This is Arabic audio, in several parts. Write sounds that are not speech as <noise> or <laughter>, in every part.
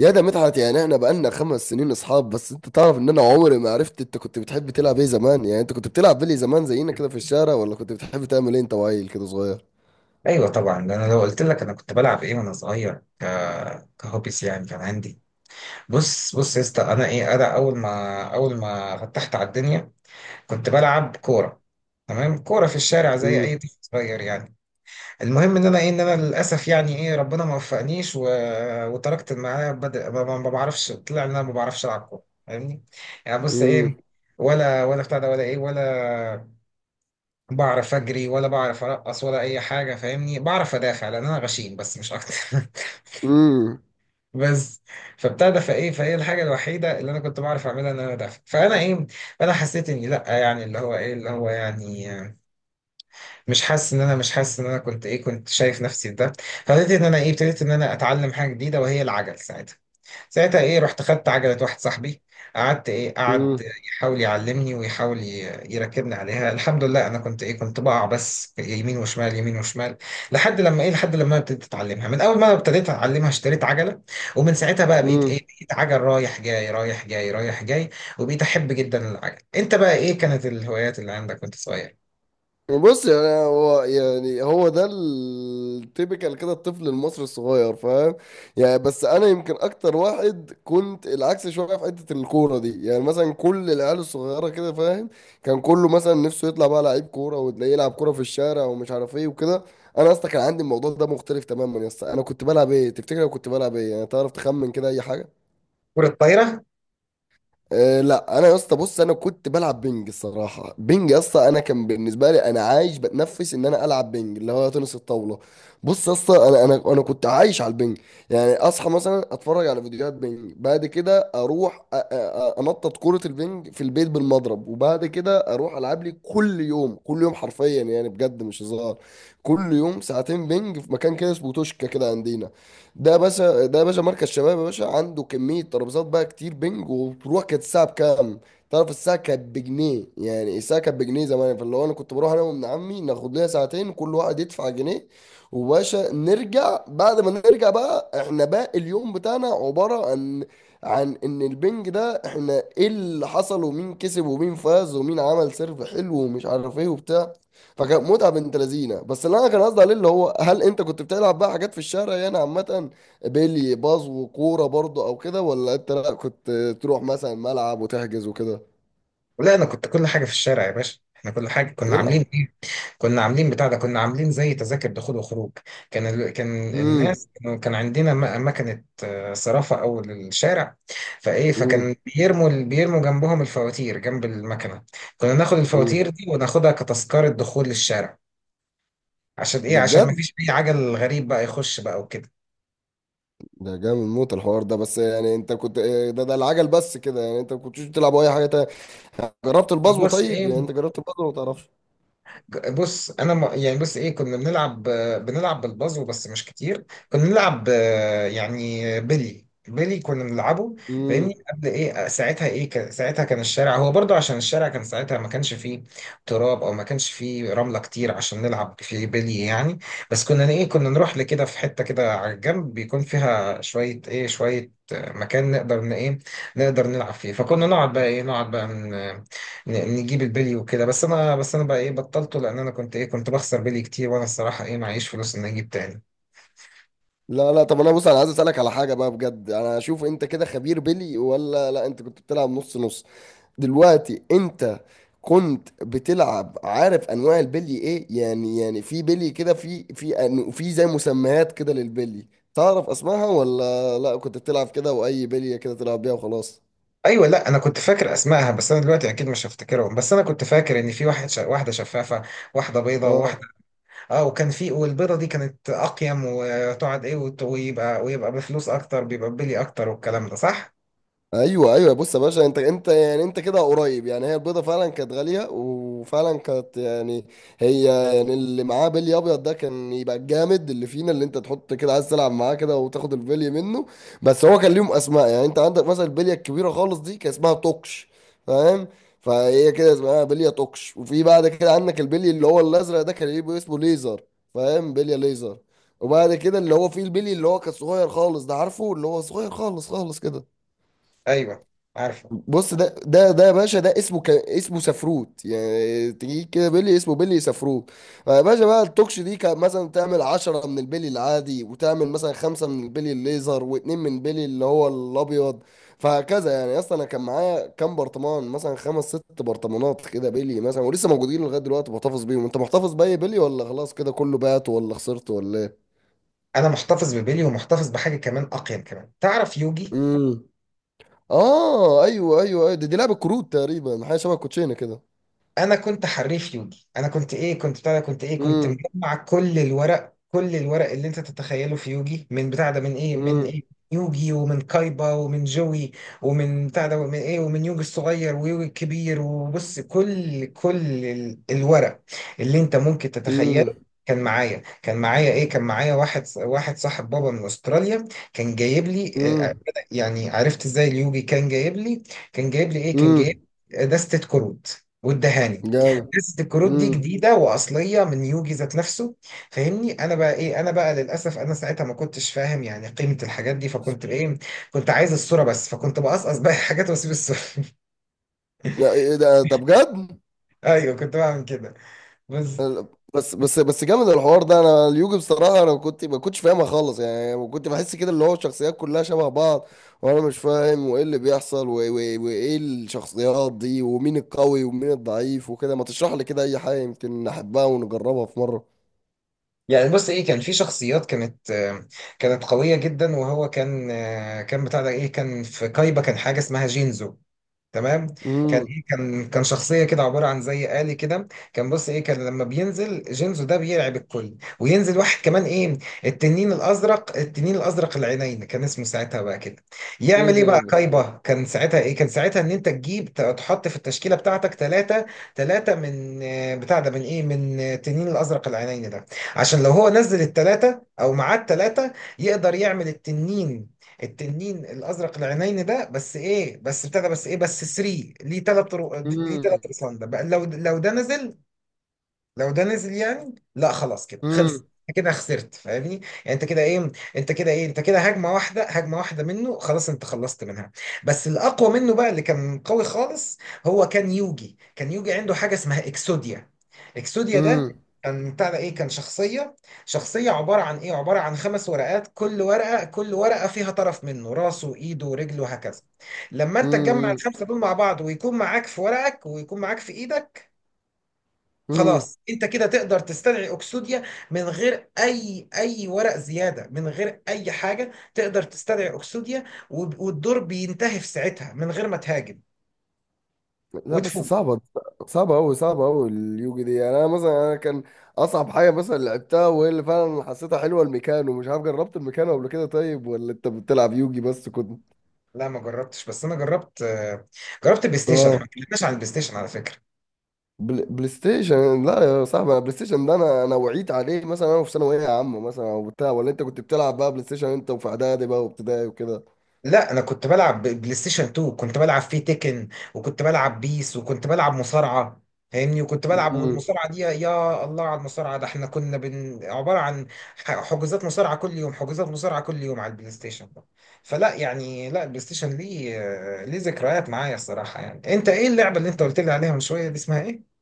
يا ده مدحت، يعني احنا بقالنا 5 سنين اصحاب. بس انت تعرف ان انا عمري ما عرفت انت كنت بتحب تلعب ايه زمان؟ يعني انت كنت بتلعب بلي زمان زينا كده في الشارع، ولا كنت بتحب تعمل ايه انت وعيل كده صغير؟ ايوه طبعا. ده انا لو قلت لك انا كنت بلعب ايه وانا صغير كهوبيس، يعني كان عندي. بص يا اسطى، انا ايه، انا اول ما فتحت على الدنيا كنت بلعب كوره. تمام، كوره في الشارع زي اي امم طفل صغير يعني. المهم ان انا ايه، ان انا للاسف يعني ايه، ربنا ما وفقنيش وتركت المعايا. بدأ ما بعرفش، طلع ان انا ما بعرفش العب كوره. فاهمني؟ يعني بص امم ايه، ولا بتاع ده، ولا ايه، ولا بعرف اجري، ولا بعرف ارقص، ولا اي حاجه. فاهمني؟ بعرف ادافع لان انا غشيم، بس مش اكتر. <laughs> بس فابتدى فايه فايه الحاجه الوحيده اللي انا كنت بعرف اعملها ان انا ادافع. فانا ايه، فانا حسيت اني لا، يعني اللي هو ايه، اللي هو يعني مش حاسس ان انا كنت ايه، كنت شايف نفسي في ده. فابتديت ان انا ايه، ابتديت ان انا اتعلم حاجه جديده، وهي العجل. ساعتها ايه، رحت خدت عجلة واحد صاحبي. قعد امم يحاول يعلمني، ويحاول يركبني عليها. الحمد لله، انا كنت ايه، كنت بقع بس يمين وشمال، يمين وشمال. لحد لما ايه، لحد لما أنا ابتديت اتعلمها. من اول ما أنا ابتديت اتعلمها، اشتريت عجلة. ومن ساعتها بقى، بقيت ايه، امم بقيت عجل رايح جاي، رايح جاي، رايح جاي. وبقيت احب جدا العجل. انت بقى ايه كانت الهوايات اللي عندك وانت صغير؟ بص، يعني هو يعني هو ده التيبيكال كده الطفل المصري الصغير، فاهم؟ يعني بس انا يمكن اكتر واحد كنت العكس شويه في حته الكوره دي. يعني مثلا كل العيال الصغيره كده، فاهم؟ كان كله مثلا نفسه يطلع بقى لعيب كوره، وتلاقيه يلعب كوره في الشارع ومش عارف ايه وكده. انا اصلا كان عندي الموضوع ده مختلف تماما يا اسطى. انا كنت بلعب ايه تفتكر؟ أنا كنت بلعب ايه يعني، تعرف تخمن كده اي حاجه؟ كرة طايرة؟ أه، لا. انا يا اسطى بص، انا كنت بلعب بينج الصراحه. بينج يا اسطى، انا كان بالنسبه لي انا عايش بتنفس ان انا العب بينج، اللي هو تنس الطاوله. بص يا اسطى، انا كنت عايش على البينج. يعني اصحى مثلا اتفرج على فيديوهات بينج، بعد كده اروح انطط كره البينج في البيت بالمضرب، وبعد كده اروح العب لي كل يوم. كل يوم حرفيا يعني، بجد مش هزار. كل يوم ساعتين بينج في مكان كده اسمه توشكا كده عندنا. ده يا باشا، ده يا باشا مركز شباب يا باشا، عنده كمية ترابيزات بقى كتير بنج، وبتروح. كانت الساعة بكام؟ تعرف الساعة كانت بجنيه. يعني الساعة كانت بجنيه زمان. فاللي هو أنا كنت بروح أنا وابن عمي، ناخد لنا ساعتين، كل واحد يدفع جنيه. وباشا نرجع. بعد ما نرجع بقى احنا باقي اليوم بتاعنا عبارة عن، عن إن البنج ده احنا إيه اللي حصل، ومين كسب ومين فاز ومين عمل سيرف حلو ومش عارف إيه وبتاع. فكان متعه بنت لذينه. بس اللي انا كان قصدي عليه اللي هو، هل انت كنت بتلعب بقى حاجات في الشارع يعني عامه؟ بيلي، باز وكوره برضو، او كده؟ ولا انت لا كنت تروح مثلا ملعب وتحجز وكده؟ ولا انا كنت كل حاجة في الشارع يا باشا. احنا كل حاجة كنا يلعب. عاملين إيه؟ كنا عاملين بتاع ده، كنا عاملين زي تذاكر دخول وخروج. كان امم كان عندنا مكنة صرافة أول الشارع. فإيه، امم فكان بيرموا جنبهم الفواتير جنب المكنة. كنا ناخد امم الفواتير دي وناخدها كتذكرة دخول للشارع. عشان إيه؟ ده عشان ما بجد. فيش أي عجل غريب بقى يخش بقى وكده. ده جامد موت الحوار ده. بس يعني انت كنت إيه، ده العجل بس كده؟ يعني انت ما كنتش بتلعب اي حاجه تانية؟ جربت البازو؟ بص طيب يعني إيه، انت جربت البازو ولا ما تعرفش؟ بص انا يعني بص ايه، كنا بنلعب، بنلعب بالبازو بس مش كتير. كنا بنلعب يعني بيلي كنا بنلعبه. امم فاهمني؟ قبل ايه، ساعتها ايه، ساعتها كان الشارع هو برضو، عشان الشارع كان ساعتها ما كانش فيه تراب، او ما كانش فيه رملة كتير عشان نلعب فيه بيلي يعني. بس كنا ايه، كنا نروح لكده في حتة كده على الجنب بيكون فيها شوية ايه، شوية آه، مكان نقدر ايه، نقدر نلعب فيه. فكنا نقعد بقى ايه، نقعد بقى نجيب البلي وكده. بس انا بقى ايه، بطلته لان انا كنت ايه، كنت بخسر بلي كتير، وانا الصراحه ايه، معيش فلوس ان اجيب تاني. لا لا، طب انا بص، انا عايز اسالك على حاجه بقى بجد. انا اشوف انت كده خبير بيلي، ولا لا انت كنت بتلعب نص نص؟ دلوقتي انت كنت بتلعب، عارف انواع البلي ايه يعني؟ يعني في بلي كده، في زي مسميات كده للبلي. تعرف اسمها، ولا لا كنت بتلعب كده واي بليه كده تلعب بيها وخلاص؟ ايوه لا، انا كنت فاكر اسمائها، بس انا دلوقتي اكيد مش هفتكرهم. بس انا كنت فاكر ان في واحده شفافه، واحده بيضه، وواحده اه، اه. وكان في، والبيضه دي كانت اقيم، وتقعد ايه، ويبقى بفلوس اكتر، بيبقى بلي اكتر، والكلام ده صح. ايوه ايوه. بص يا باشا، انت يعني انت كده قريب. يعني هي البيضه فعلا كانت غاليه، وفعلا كانت يعني، هي، يعني اللي معاه بلي ابيض ده كان يبقى الجامد اللي فينا، اللي انت تحط كده عايز تلعب معاه كده وتاخد البلي منه. بس هو كان ليهم اسماء. يعني انت عندك مثلا البليه الكبيره خالص دي، كان اسمها توكش، فاهم؟ فهي كده اسمها بليه توكش. وفي بعد كده عندك البلي اللي هو الازرق ده، كان يبقى اسمه ليزر، فاهم؟ بليه ليزر. وبعد كده اللي هو فيه البلي اللي هو كان صغير خالص ده، عارفه؟ اللي هو صغير خالص خالص كده. ايوه عارفه. بص، ده يا باشا ده اسمه اسمه سفروت. يعني تجي كده بيلي اسمه بيلي سفروت. فيا باشا بقى، التوكش دي كان مثلا تعمل 10 من البيلي العادي، وتعمل مثلا 5 من البيلي الليزر، واتنين من بيلي اللي هو الابيض. فهكذا. يعني اصلا انا كان معايا كام برطمان، مثلا خمس ست برطمانات كده بيلي مثلا، ولسه موجودين لغايه دلوقتي، بحتفظ بيهم. انت محتفظ باي بيلي، ولا خلاص كده كله بات، ولا خسرت، ولا ايه؟ انا محتفظ ببلي، ومحتفظ بحاجه كمان اقيم كمان، تعرف يوجي. امم اه، ايوه ايوه ايوه. دي، لعبه كروت تقريبا، حاجه شبه الكوتشينه كده. انا كنت حريف يوجي، انا كنت ايه، كنت بتاع ده، كنت ايه، كنت امم مجمع كل الورق، كل الورق اللي انت تتخيله في يوجي، من بتاع ده، من ايه يوجي، ومن كايبا، ومن جوي، ومن بتاع ده، ومن ايه، ومن يوجي الصغير ويوجي الكبير. وبص، كل الورق اللي انت ممكن تتخيله امم كان معايا. كان معايا ايه كان معايا واحد صاحب بابا من استراليا كان جايب لي امم يعني، عرفت ازاي اليوجي؟ كان جايب لي، كان جايب لي ايه كان جايب امم لي دستة كروت والدهاني، جامد. قصه الكروت دي امم جديده واصليه من يوجي ذات نفسه. فاهمني؟ انا بقى ايه، انا بقى للاسف انا ساعتها ما كنتش فاهم يعني قيمه الحاجات دي. فكنت ايه، كنت عايز الصوره بس، فكنت بقصقص بقى <laughs> الحاجات واسيب الصوره. لا، ايه ده، ده بجد. <laughs> ايوه كنت بعمل كده، بس. بس جامد الحوار ده. انا اليوجي بصراحه انا كنت ما كنتش فاهمها خالص. يعني كنت بحس كده اللي هو الشخصيات كلها شبه بعض وانا مش فاهم، وايه اللي بيحصل وايه الشخصيات دي، ومين القوي ومين الضعيف وكده. ما تشرح لي كده اي حاجه، يمكن نحبها ونجربها في مره. يعني بص ايه، كان في شخصيات كانت كانت قوية جدا. وهو كان كان بتاع ده ايه، كان في كايبا كان حاجة اسمها جينزو، تمام. كان امم ايه، كان شخصيه كده عباره عن زي آلي كده. كان بص ايه، كان لما بينزل جينزو ده بيرعب الكل، وينزل واحد كمان ايه، التنين الازرق، التنين الازرق العينين كان اسمه ساعتها بقى كده. ايه يعمل ايه ده، ايه بقى ده. كايبا؟ كان ساعتها ايه، كان ساعتها ان انت تجيب تحط في التشكيله بتاعتك ثلاثه، ثلاثه من بتاع ده، من ايه، من التنين الازرق العينين ده. عشان لو هو نزل الثلاثه، او معاه الثلاثه، يقدر يعمل التنين، التنين الازرق العينين ده. بس ايه، بس ابتدى، بس ايه، بس 3. ليه ثلاث؟ ليه ثلاث امم رسام ده بقى؟ لو ده نزل، لو ده نزل يعني لا، خلاص كده خلص، انت كده خسرت. فاهمني؟ يعني انت كده هجمه واحده، هجمه واحده منه خلاص، انت خلصت منها. بس الاقوى منه بقى، اللي كان قوي خالص، هو كان يوجي، كان يوجي عنده حاجه اسمها اكسوديا. اكسوديا ده امم كان بتاع ده ايه، كان شخصيه، شخصيه عباره عن ايه، عباره عن خمس ورقات، كل ورقه، كل ورقه فيها طرف منه، راسه وايده ورجله وهكذا. لما انت تجمع امم الخمسه دول مع بعض، ويكون معاك في ورقك، ويكون معاك في ايدك، امم خلاص انت كده تقدر تستدعي اكسوديا، من غير اي ورق زياده، من غير اي حاجه تقدر تستدعي اكسوديا. والدور بينتهي في ساعتها من غير ما تهاجم، لا بس وتفوز. صعبة. صعبة أوي، صعبة أوي اليوجي دي. يعني أنا مثلا أنا كان أصعب حاجة مثلا لعبتها، وهي اللي فعلا حسيتها حلوة، الميكانو. مش عارف، جربت الميكانو قبل كده طيب، ولا أنت بتلعب يوجي بس كنت؟ لا ما جربتش. بس انا جربت جربت بلاي ستيشن. احنا ما آه. اتكلمناش عن البلاي ستيشن على فكره. بلاي ستيشن لا يا صاحبي. أنا بلاي ستيشن ده أنا وعيت عليه مثلا أنا في ثانوية عامة مثلا أو بتاع. ولا أنت كنت بتلعب بقى بلاي ستيشن أنت وفي إعدادي بقى وابتدائي وكده؟ لا انا كنت بلعب بلاي ستيشن 2، كنت بلعب فيه تيكن، وكنت بلعب بيس، وكنت بلعب مصارعه. فاهمني؟ وكنت بلعب، مم. والمصارعه دي يا الله على المصارعه، ده احنا كنا عباره عن حجوزات مصارعه كل يوم، حجوزات مصارعه كل يوم على البلاي ستيشن ده. فلا يعني، لا البلاي ستيشن ليه، ليه ذكريات معايا الصراحه. يعني انت ايه اللعبه اللي انت قلت لي عليها من شويه دي اسمها ايه؟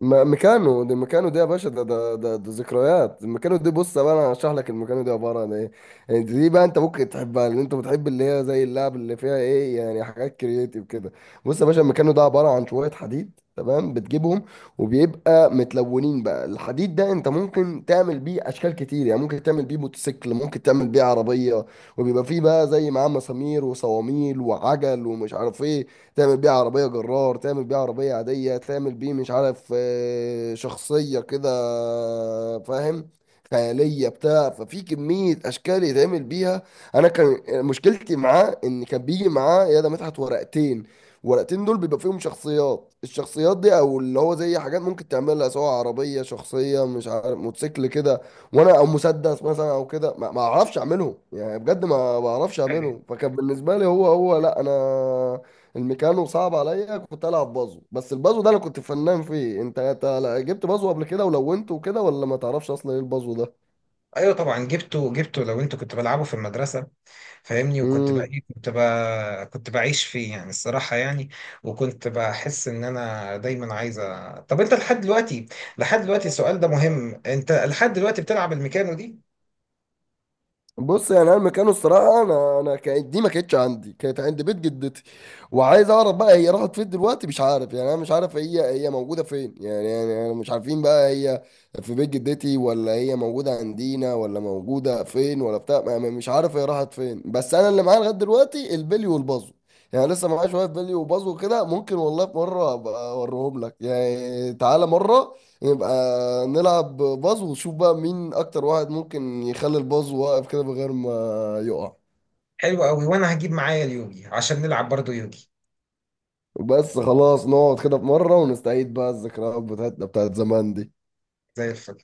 ميكانو ده، ميكانو ده يا باشا، ده ذكريات الميكانو دي. بص بقى، انا هشرح لك الميكانو دي عباره عن ايه. يعني دي بقى انت ممكن تحبها، لان انت بتحب اللي هي زي اللعب اللي فيها ايه، يعني حاجات كرييتيف كده. بص يا باشا، الميكانو ده عباره عن شويه حديد تمام، بتجيبهم، وبيبقى متلونين بقى. الحديد ده انت ممكن تعمل بيه اشكال كتير. يعني ممكن تعمل بيه موتوسيكل، ممكن تعمل بيه عربيه، وبيبقى فيه بقى زي معاه مسامير وصواميل وعجل ومش عارف ايه. تعمل بيه عربية جرار، تعمل بيه عربية عادية، تعمل بيه مش عارف شخصية كده، فاهم؟ خيالية بتاع. ففي كمية أشكال يتعمل بيها. أنا كان مشكلتي معاه إن كان بيجي معاه يا ده مدحت ورقتين. ورقتين دول بيبقى فيهم شخصيات، الشخصيات دي او اللي هو زي حاجات ممكن تعملها سواء عربيه شخصيه مش عارف موتوسيكل كده، وانا او مسدس مثلا او كده، ما اعرفش اعملهم. يعني بجد ما بعرفش ايوه اعملهم. فكان بالنسبه لي هو، لا انا، الميكانو صعب عليا. كنت العب بازو، بس البازو ده انا كنت فنان فيه. انت جبت بازو قبل كده ولونته وكده، ولا ما تعرفش اصلا ايه البازو ده؟ ايوه طبعا جبته، جبته لو انت كنت بلعبه في المدرسه. فاهمني؟ وكنت بقى امم ايه، كنت بقى كنت بعيش فيه يعني الصراحة يعني. وكنت بحس ان انا دايما عايز طب انت لحد دلوقتي، لحد دلوقتي السؤال ده مهم، انت لحد دلوقتي بتلعب الميكانو دي؟ بص، يعني انا مكانه الصراحه، انا كانت دي ما كانتش عندي، كانت عند بيت جدتي. وعايز اعرف بقى هي راحت فين دلوقتي، مش عارف. يعني انا مش عارف هي موجوده فين يعني. يعني انا مش عارفين بقى هي في بيت جدتي، ولا هي موجوده عندنا، ولا موجوده فين، ولا بتاع، مش عارف هي راحت فين. بس انا اللي معايا لغايه دلوقتي البلي والبازو. يعني لسه معايا شويه بلي وبازو كده. ممكن والله في مره ابقى اوريهم لك، يعني تعالى مره يبقى نلعب باز، ونشوف بقى مين اكتر واحد ممكن يخلي الباز واقف كده من غير ما يقع. حلو قوي. وانا هجيب معايا اليوجي عشان نلعب برضو يوجي. بس خلاص، نقعد كده في مرة ونستعيد بقى الذكريات بتاعتنا بتاعت زمان دي. زي الفل.